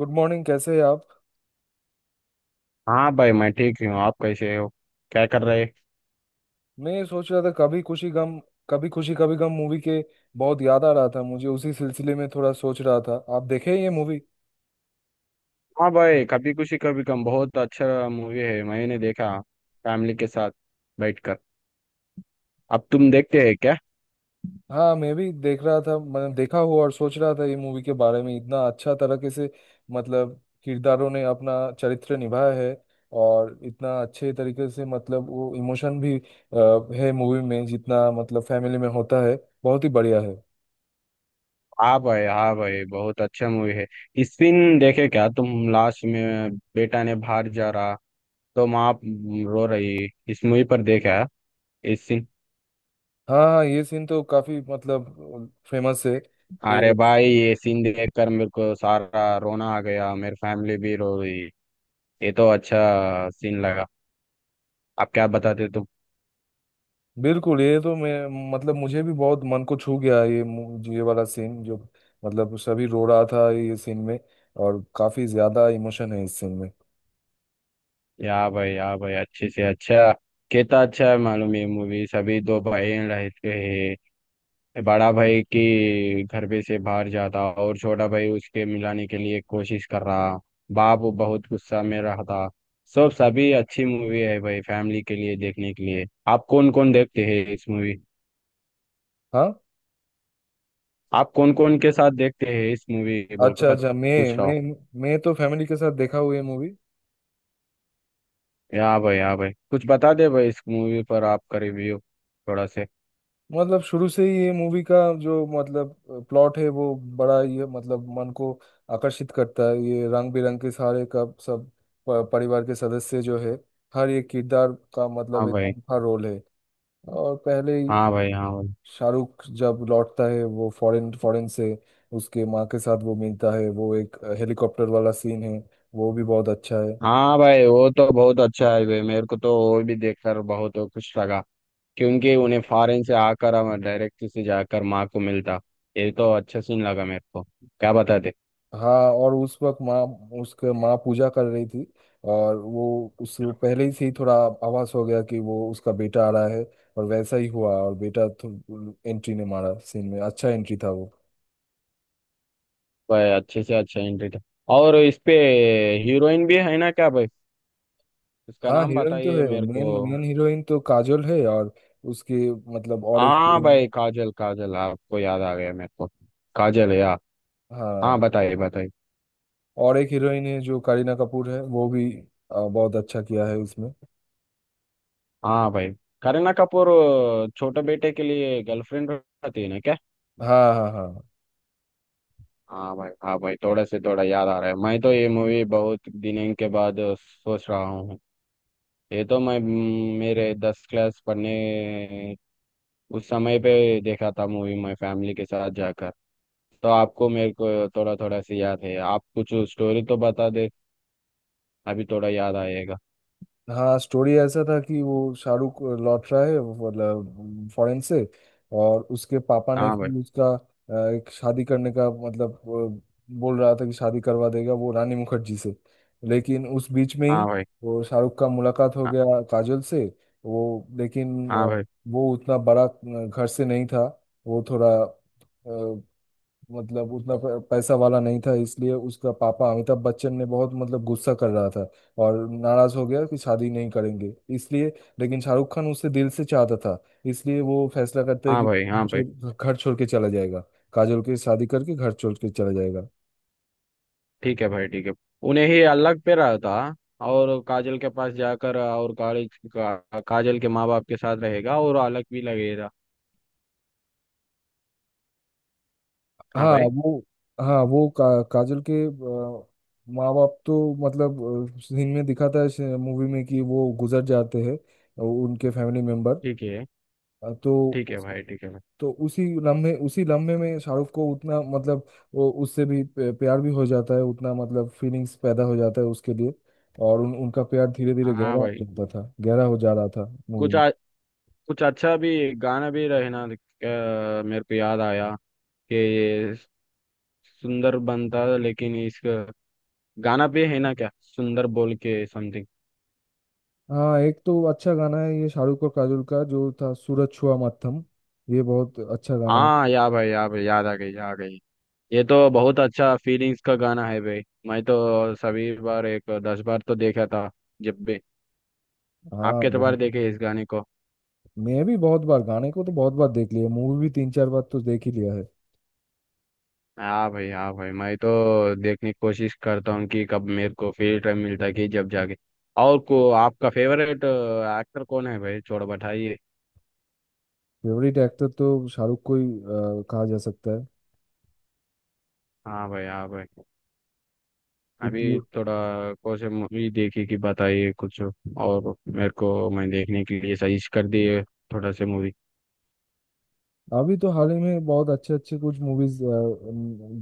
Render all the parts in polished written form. Good morning, कैसे हैं आप। हाँ भाई, मैं ठीक ही हूँ। आप कैसे हो? क्या कर रहे? मैं ये सोच रहा था कभी खुशी गम, कभी खुशी कभी गम मूवी के बहुत याद आ रहा था मुझे। उसी सिलसिले में थोड़ा सोच रहा था, आप देखे हैं ये मूवी। हाँ भाई, कभी खुशी कभी गम बहुत अच्छा मूवी है, मैंने देखा फैमिली के साथ बैठकर। अब तुम देखते हैं क्या? हाँ, मैं भी देख रहा था, मैंने देखा हुआ। और सोच रहा था ये मूवी के बारे में इतना अच्छा तरीके से, मतलब किरदारों ने अपना चरित्र निभाया है। और इतना अच्छे तरीके से, मतलब वो इमोशन भी है मूवी में जितना मतलब फैमिली में होता है। बहुत ही बढ़िया है। हाँ भाई, हाँ भाई, बहुत अच्छा मूवी है। इस दिन देखे क्या तुम? लास्ट में बेटा ने बाहर जा रहा, तो माँ रो रही इस मूवी पर, देखा इस सीन? हाँ हाँ, ये सीन तो काफी मतलब फेमस है। अरे भाई, ये सीन देखकर मेरे को सारा रोना आ गया, मेरी फैमिली भी रो रही। ये तो अच्छा सीन लगा। आप क्या बताते तुम? बिल्कुल, ये तो मैं मतलब मुझे भी बहुत मन को छू गया ये ये वाला सीन जो मतलब सभी रो रहा था ये सीन में। और काफी ज्यादा इमोशन है इस सीन में। या भाई, या भाई, अच्छे से अच्छा। कितना अच्छा है मालूम ये मूवी। सभी दो भाई रहते हैं, बड़ा भाई की घर पे से बाहर जाता और छोटा भाई उसके मिलाने के लिए कोशिश कर रहा। बाप वो बहुत गुस्सा में रहता। सब सभी अच्छी मूवी है भाई, फैमिली के लिए देखने के लिए। आप कौन कौन देखते हैं इस मूवी? हाँ। आप कौन कौन के साथ देखते हैं इस मूवी बोल के अच्छा अच्छा, मैं पूछ रहा मैं हूँ। मैं तो फैमिली के साथ देखा हुआ ये मूवी। या भाई, या भाई, कुछ बता दे भाई, इस मूवी पर आपका रिव्यू थोड़ा से। मतलब शुरू से ही ये मूवी का जो मतलब प्लॉट है वो बड़ा ये मतलब मन को आकर्षित करता है। ये रंग बिरंग के सारे का सब परिवार के सदस्य जो है, हर एक किरदार का हाँ मतलब एक भाई, अनोखा रोल है। और पहले हाँ भाई। हाँ भाई, शाहरुख जब लौटता है वो फॉरेन फॉरेन से उसके माँ के साथ वो मिलता है, वो एक हेलीकॉप्टर वाला सीन है, वो भी बहुत अच्छा है। हाँ भाई, वो तो बहुत अच्छा है भाई, मेरे को तो वो भी देखकर बहुत खुश लगा, क्योंकि उन्हें फॉरेन से आकर हम डायरेक्ट से जाकर माँ को मिलता। ये तो अच्छा सीन लगा मेरे को, क्या बताते? हाँ, और उस वक्त माँ, उसके माँ पूजा कर रही थी। और वो उस पहले ही से ही थोड़ा आभास हो गया कि वो उसका बेटा आ रहा है। और वैसा ही हुआ, और बेटा एंट्री ने मारा सीन में, अच्छा एंट्री था वो। भाई, अच्छे से अच्छा एंट्री था। और इस पे हीरोइन भी है ना क्या भाई? उसका हाँ, नाम हीरोइन तो बताइए है मेरे को। मेन मेन हीरोइन तो काजोल है। और उसके मतलब और एक हाँ हीरोइन। भाई, काजल, काजल आपको याद आ गया मेरे को। काजल है यार। हाँ, हाँ, बताइए, बताइए। और एक हीरोइन है जो करीना कपूर है, वो भी बहुत अच्छा किया है उसमें। हाँ भाई, करीना कपूर छोटे बेटे के लिए गर्लफ्रेंड रखती है ना क्या? हाँ हाँ हाँ। हाँ भाई, हाँ भाई, थोड़ा से थोड़ा याद आ रहा है, मैं तो ये मूवी बहुत दिनों के बाद सोच रहा हूँ। ये तो मैं मेरे 10 क्लास पढ़ने उस समय पे देखा था मूवी, मैं फैमिली के साथ जाकर। तो आपको मेरे को थोड़ा थोड़ा सी याद है, आप कुछ स्टोरी तो बता दे, अभी थोड़ा याद आएगा। हाँ, स्टोरी ऐसा था कि वो शाहरुख लौट रहा है मतलब फॉरेन से। और उसके पापा ने हाँ भाई, फिर उसका एक शादी करने का मतलब बोल रहा था कि शादी करवा देगा वो रानी मुखर्जी से। लेकिन उस बीच में ही हाँ भाई। वो शाहरुख का मुलाकात हो हाँ। गया काजल से। वो लेकिन हाँ भाई, वो उतना बड़ा घर से नहीं था, वो थोड़ा मतलब उतना पैसा वाला नहीं था। इसलिए उसका पापा अमिताभ बच्चन ने बहुत मतलब गुस्सा कर रहा था और नाराज हो गया कि शादी नहीं करेंगे इसलिए। लेकिन शाहरुख खान उसे दिल से चाहता था, इसलिए वो फैसला करता है हाँ कि भाई। घर हाँ भाई, छोड़ घर छोड़ के चला जाएगा, काजोल के शादी करके घर छोड़ के चला जाएगा। ठीक है भाई, ठीक है। उन्हें ही अलग पे रहा था, और काजल के पास जाकर, और काजल काजल के माँ बाप के साथ रहेगा और अलग भी लगेगा। हाँ हाँ भाई। वो। हाँ वो काजोल के माँ बाप तो मतलब सीन में दिखाता है मूवी में कि वो गुजर जाते हैं उनके फैमिली मेंबर। ठीक है, ठीक तो है भाई, ठीक है भाई। तो उसी लम्हे में शाहरुख को उतना मतलब वो उससे भी प्यार भी हो जाता है, उतना मतलब फीलिंग्स पैदा हो जाता है उसके लिए। और उन उनका प्यार धीरे धीरे हाँ गहरा हो भाई। जाता था, गहरा हो जा रहा था मूवी कुछ में। कुछ अच्छा भी गाना भी रहे ना, मेरे को याद आया कि ये सुंदर बनता, लेकिन इसका गाना भी है ना क्या, सुंदर बोल के समथिंग? हाँ, एक तो अच्छा गाना है ये शाहरुख और काजोल का जो था सूरज छुआ मत्थम, ये बहुत अच्छा गाना है। हाँ, या भाई, या भाई, याद आ गई, याद आ गई। ये तो बहुत अच्छा फीलिंग्स का गाना है भाई, मैं तो सभी बार एक 10 बार तो देखा था जब भी। आप हाँ कितने बार बहुत। देखे इस गाने को? मैं भी बहुत बार गाने को तो बहुत बार देख लिया, मूवी भी तीन चार बार तो देख ही लिया है। हाँ भाई, हाँ भाई, मैं तो देखने की कोशिश करता हूँ कि कब मेरे को फ्री टाइम मिलता है कि जब जाके। और को आपका फेवरेट एक्टर कौन है भाई, थोड़ा बताइए। फेवरेट एक्टर तो शाहरुख को ही कहा जा सकता हाँ भाई, हाँ भाई। है। अभी थोड़ा। कौन से मूवी देखी कि बताइए, कुछ और मेरे को मैं देखने के लिए सजेस्ट कर दिए थोड़ा से मूवी। अभी तो हाल ही में बहुत अच्छे अच्छे कुछ मूवीज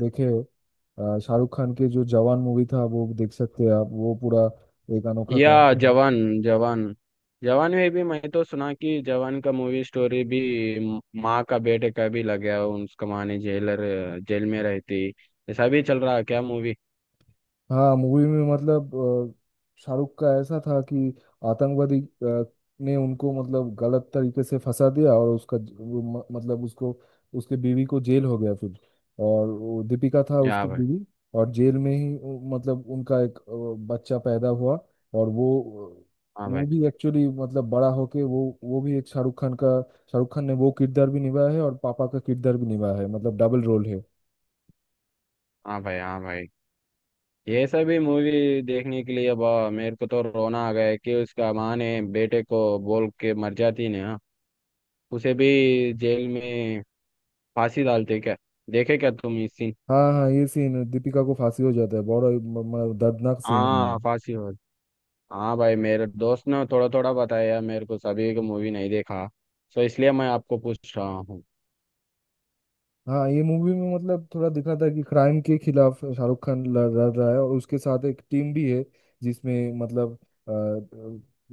देखे। शाहरुख खान के जो जवान मूवी था वो देख सकते हैं आप, वो पूरा एक अनोखा कहानी या है। जवान, जवान। जवान में भी मैं तो सुना कि जवान का मूवी स्टोरी भी माँ का बेटे का भी लग गया, उसका माँ ने जेलर जेल में रहती। ऐसा भी चल रहा है क्या मूवी? हाँ मूवी में मतलब शाहरुख का ऐसा था कि आतंकवादी ने उनको मतलब गलत तरीके से फंसा दिया। और उसका वो मतलब उसको, उसके बीवी को जेल हो गया फिर, और वो दीपिका था या उसका भाई। बीवी। और जेल में ही मतलब उनका एक बच्चा पैदा हुआ। और वो हाँ भाई, वो भी एक्चुअली मतलब बड़ा होके वो, वो भी एक शाहरुख खान ने वो किरदार भी निभाया है और पापा का किरदार भी निभाया है, मतलब डबल रोल है। हाँ भाई। हाँ भाई, ये सभी मूवी देखने के लिए, अब मेरे को तो रोना आ गया है कि उसका माँ ने बेटे को बोल के मर जाती ने, हाँ। उसे भी जेल में फांसी डालते क्या? देखे क्या तुम इस सीन? हाँ हाँ, ये सीन दीपिका को फांसी हो जाता है, बड़ा दर्दनाक सीन है। हाँ, फांसी हो। हाँ भाई, मेरे दोस्त ने थोड़ा थोड़ा बताया मेरे को, सभी को मूवी नहीं देखा, सो इसलिए मैं आपको पूछ रहा हूँ। हाँ, ये मूवी में मतलब थोड़ा दिखा था कि क्राइम के खिलाफ शाहरुख खान लड़ लड़ रहा है और उसके साथ एक टीम भी है। जिसमें मतलब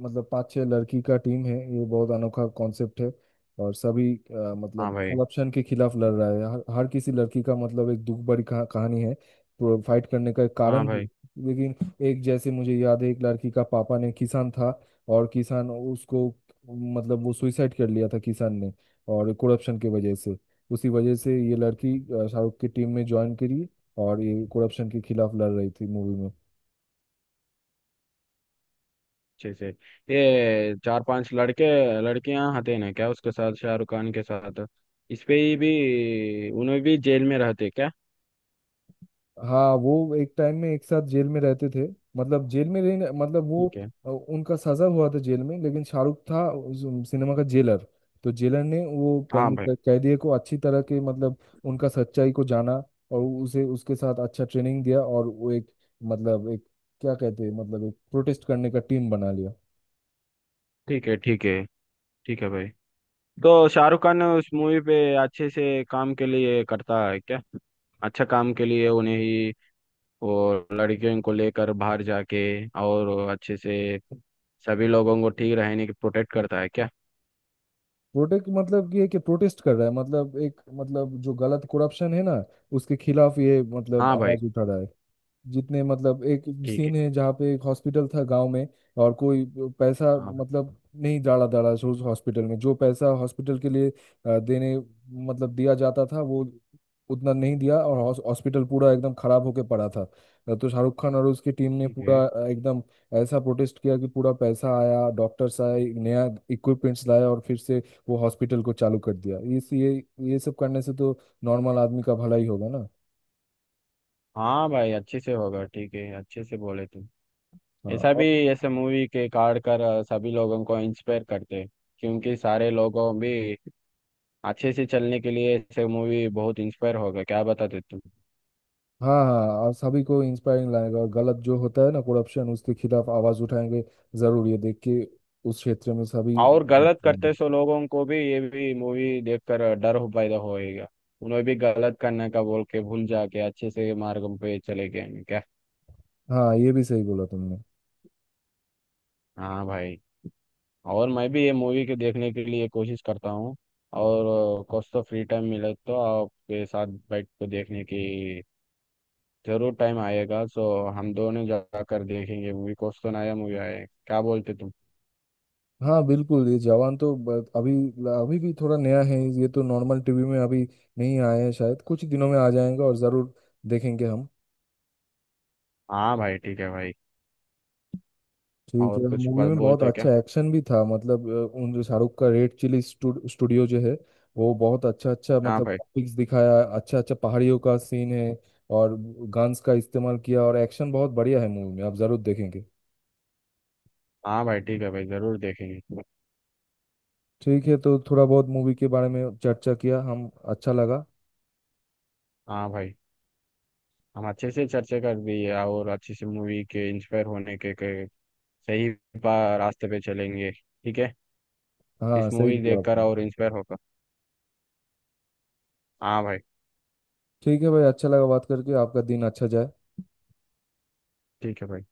मतलब पांच छह लड़की का टीम है, ये बहुत अनोखा कॉन्सेप्ट है। और सभी हाँ मतलब भाई, करप्शन के खिलाफ लड़ रहा है। हर किसी लड़की का मतलब एक दुख भरी कहानी है, तो फाइट करने का एक हाँ कारण भी है। भाई, लेकिन एक जैसे मुझे याद है, एक लड़की का पापा ने किसान था। और किसान उसको मतलब वो सुइसाइड कर लिया था किसान ने, और करप्शन की वजह से। उसी वजह से ये लड़की शाहरुख की टीम में ज्वाइन करी, और ये करप्शन के खिलाफ लड़ रही थी मूवी में। अच्छे से। ये 4-5 लड़के लड़कियां हते ना क्या, उसके साथ शाहरुख खान के साथ? इस पे ही भी उन्हें भी जेल में रहते क्या? हाँ, वो एक टाइम में एक साथ जेल में रहते थे। मतलब जेल में रहने मतलब वो ठीक है। उनका सजा हुआ था जेल में। लेकिन शाहरुख था उस सिनेमा का जेलर। तो जेलर ने वो हाँ बंद भाई, कैदियों को अच्छी तरह के मतलब उनका सच्चाई को जाना। और उसे उसके साथ अच्छा ट्रेनिंग दिया और वो एक मतलब एक, क्या कहते हैं, मतलब एक प्रोटेस्ट करने का टीम बना लिया। ठीक है, ठीक है। ठीक है भाई। तो शाहरुख खान उस मूवी पे अच्छे से काम के लिए करता है क्या? अच्छा काम के लिए उन्हें ही वो लड़कियों को लेकर बाहर जाके और अच्छे से सभी लोगों को ठीक रहने की प्रोटेक्ट करता है क्या? प्रोटेस्ट मतलब कि ये कि प्रोटेस्ट कर रहा है मतलब एक, मतलब जो गलत करप्शन है ना, उसके खिलाफ ये मतलब हाँ भाई। आवाज उठा रहा है। जितने मतलब एक ठीक है। सीन है जहाँ पे एक हॉस्पिटल था गांव में। और कोई पैसा हाँ भाई, मतलब नहीं डाला डाला उस हॉस्पिटल में। जो पैसा हॉस्पिटल के लिए देने मतलब दिया जाता था, वो उतना नहीं दिया। और हॉस्पिटल पूरा एकदम खराब होके पड़ा था। तो शाहरुख खान और उसकी टीम ने ठीक है। पूरा एकदम ऐसा प्रोटेस्ट किया कि पूरा पैसा आया, डॉक्टर्स आए, नया इक्विपमेंट्स लाया। और फिर से वो हॉस्पिटल को चालू कर दिया। इस ये सब करने से तो नॉर्मल आदमी का भला ही होगा ना। हाँ भाई, अच्छे से होगा, ठीक है, अच्छे से बोले तुम। ऐसा हाँ। भी, ऐसे मूवी के कार्ड कर सभी लोगों को इंस्पायर करते हैं, क्योंकि सारे लोगों भी अच्छे से चलने के लिए ऐसे मूवी बहुत इंस्पायर होगा, क्या बताते तुम? हाँ हाँ, और सभी को इंस्पायरिंग लगेगा। और गलत जो होता है ना करप्शन, उसके खिलाफ आवाज उठाएंगे जरूर ये देख के। उस क्षेत्र में सभी और vote गलत करेंगे। करते सो लोगों को भी ये भी मूवी देखकर डर हो पैदा होएगा, उन्हें भी गलत करने का बोल के भूल जाके अच्छे से मार्ग पे चले गए क्या? हाँ, ये भी सही बोला तुमने। हाँ भाई, और मैं भी ये मूवी के देखने के लिए कोशिश करता हूँ। और कुछ तो फ्री टाइम मिले तो आपके साथ बैठ के देखने की जरूर टाइम आएगा, सो हम दोनों जाकर देखेंगे मूवी, कुछ तो नया मूवी आए, क्या बोलते तुम? हाँ बिल्कुल, ये जवान तो अभी, अभी भी थोड़ा नया है। ये तो नॉर्मल टीवी में अभी नहीं आया है, शायद कुछ दिनों में आ जाएगा और जरूर देखेंगे हम। हाँ भाई, ठीक है भाई। ठीक और है, कुछ मूवी बात में बहुत बोलते क्या? अच्छा एक्शन भी था मतलब उन जो शाहरुख का रेड चिली स्टूडियो जो है, वो बहुत अच्छा अच्छा हाँ मतलब भाई। टॉपिक्स दिखाया, अच्छा अच्छा पहाड़ियों का सीन है। और गन्स का इस्तेमाल किया और एक्शन बहुत बढ़िया है मूवी में, आप जरूर देखेंगे। हाँ भाई, ठीक है भाई, जरूर देखेंगे। ठीक है, तो थोड़ा बहुत मूवी के बारे में चर्चा किया हम, अच्छा लगा। हाँ भाई, हम अच्छे से चर्चा कर दी है, और अच्छी सी मूवी के इंस्पायर होने के सही रास्ते पे चलेंगे, ठीक है। हाँ, इस सही मूवी बोला देखकर आपने। और इंस्पायर होकर, हाँ भाई, ठीक है भाई, अच्छा लगा बात करके। आपका दिन अच्छा जाए। ठीक है भाई।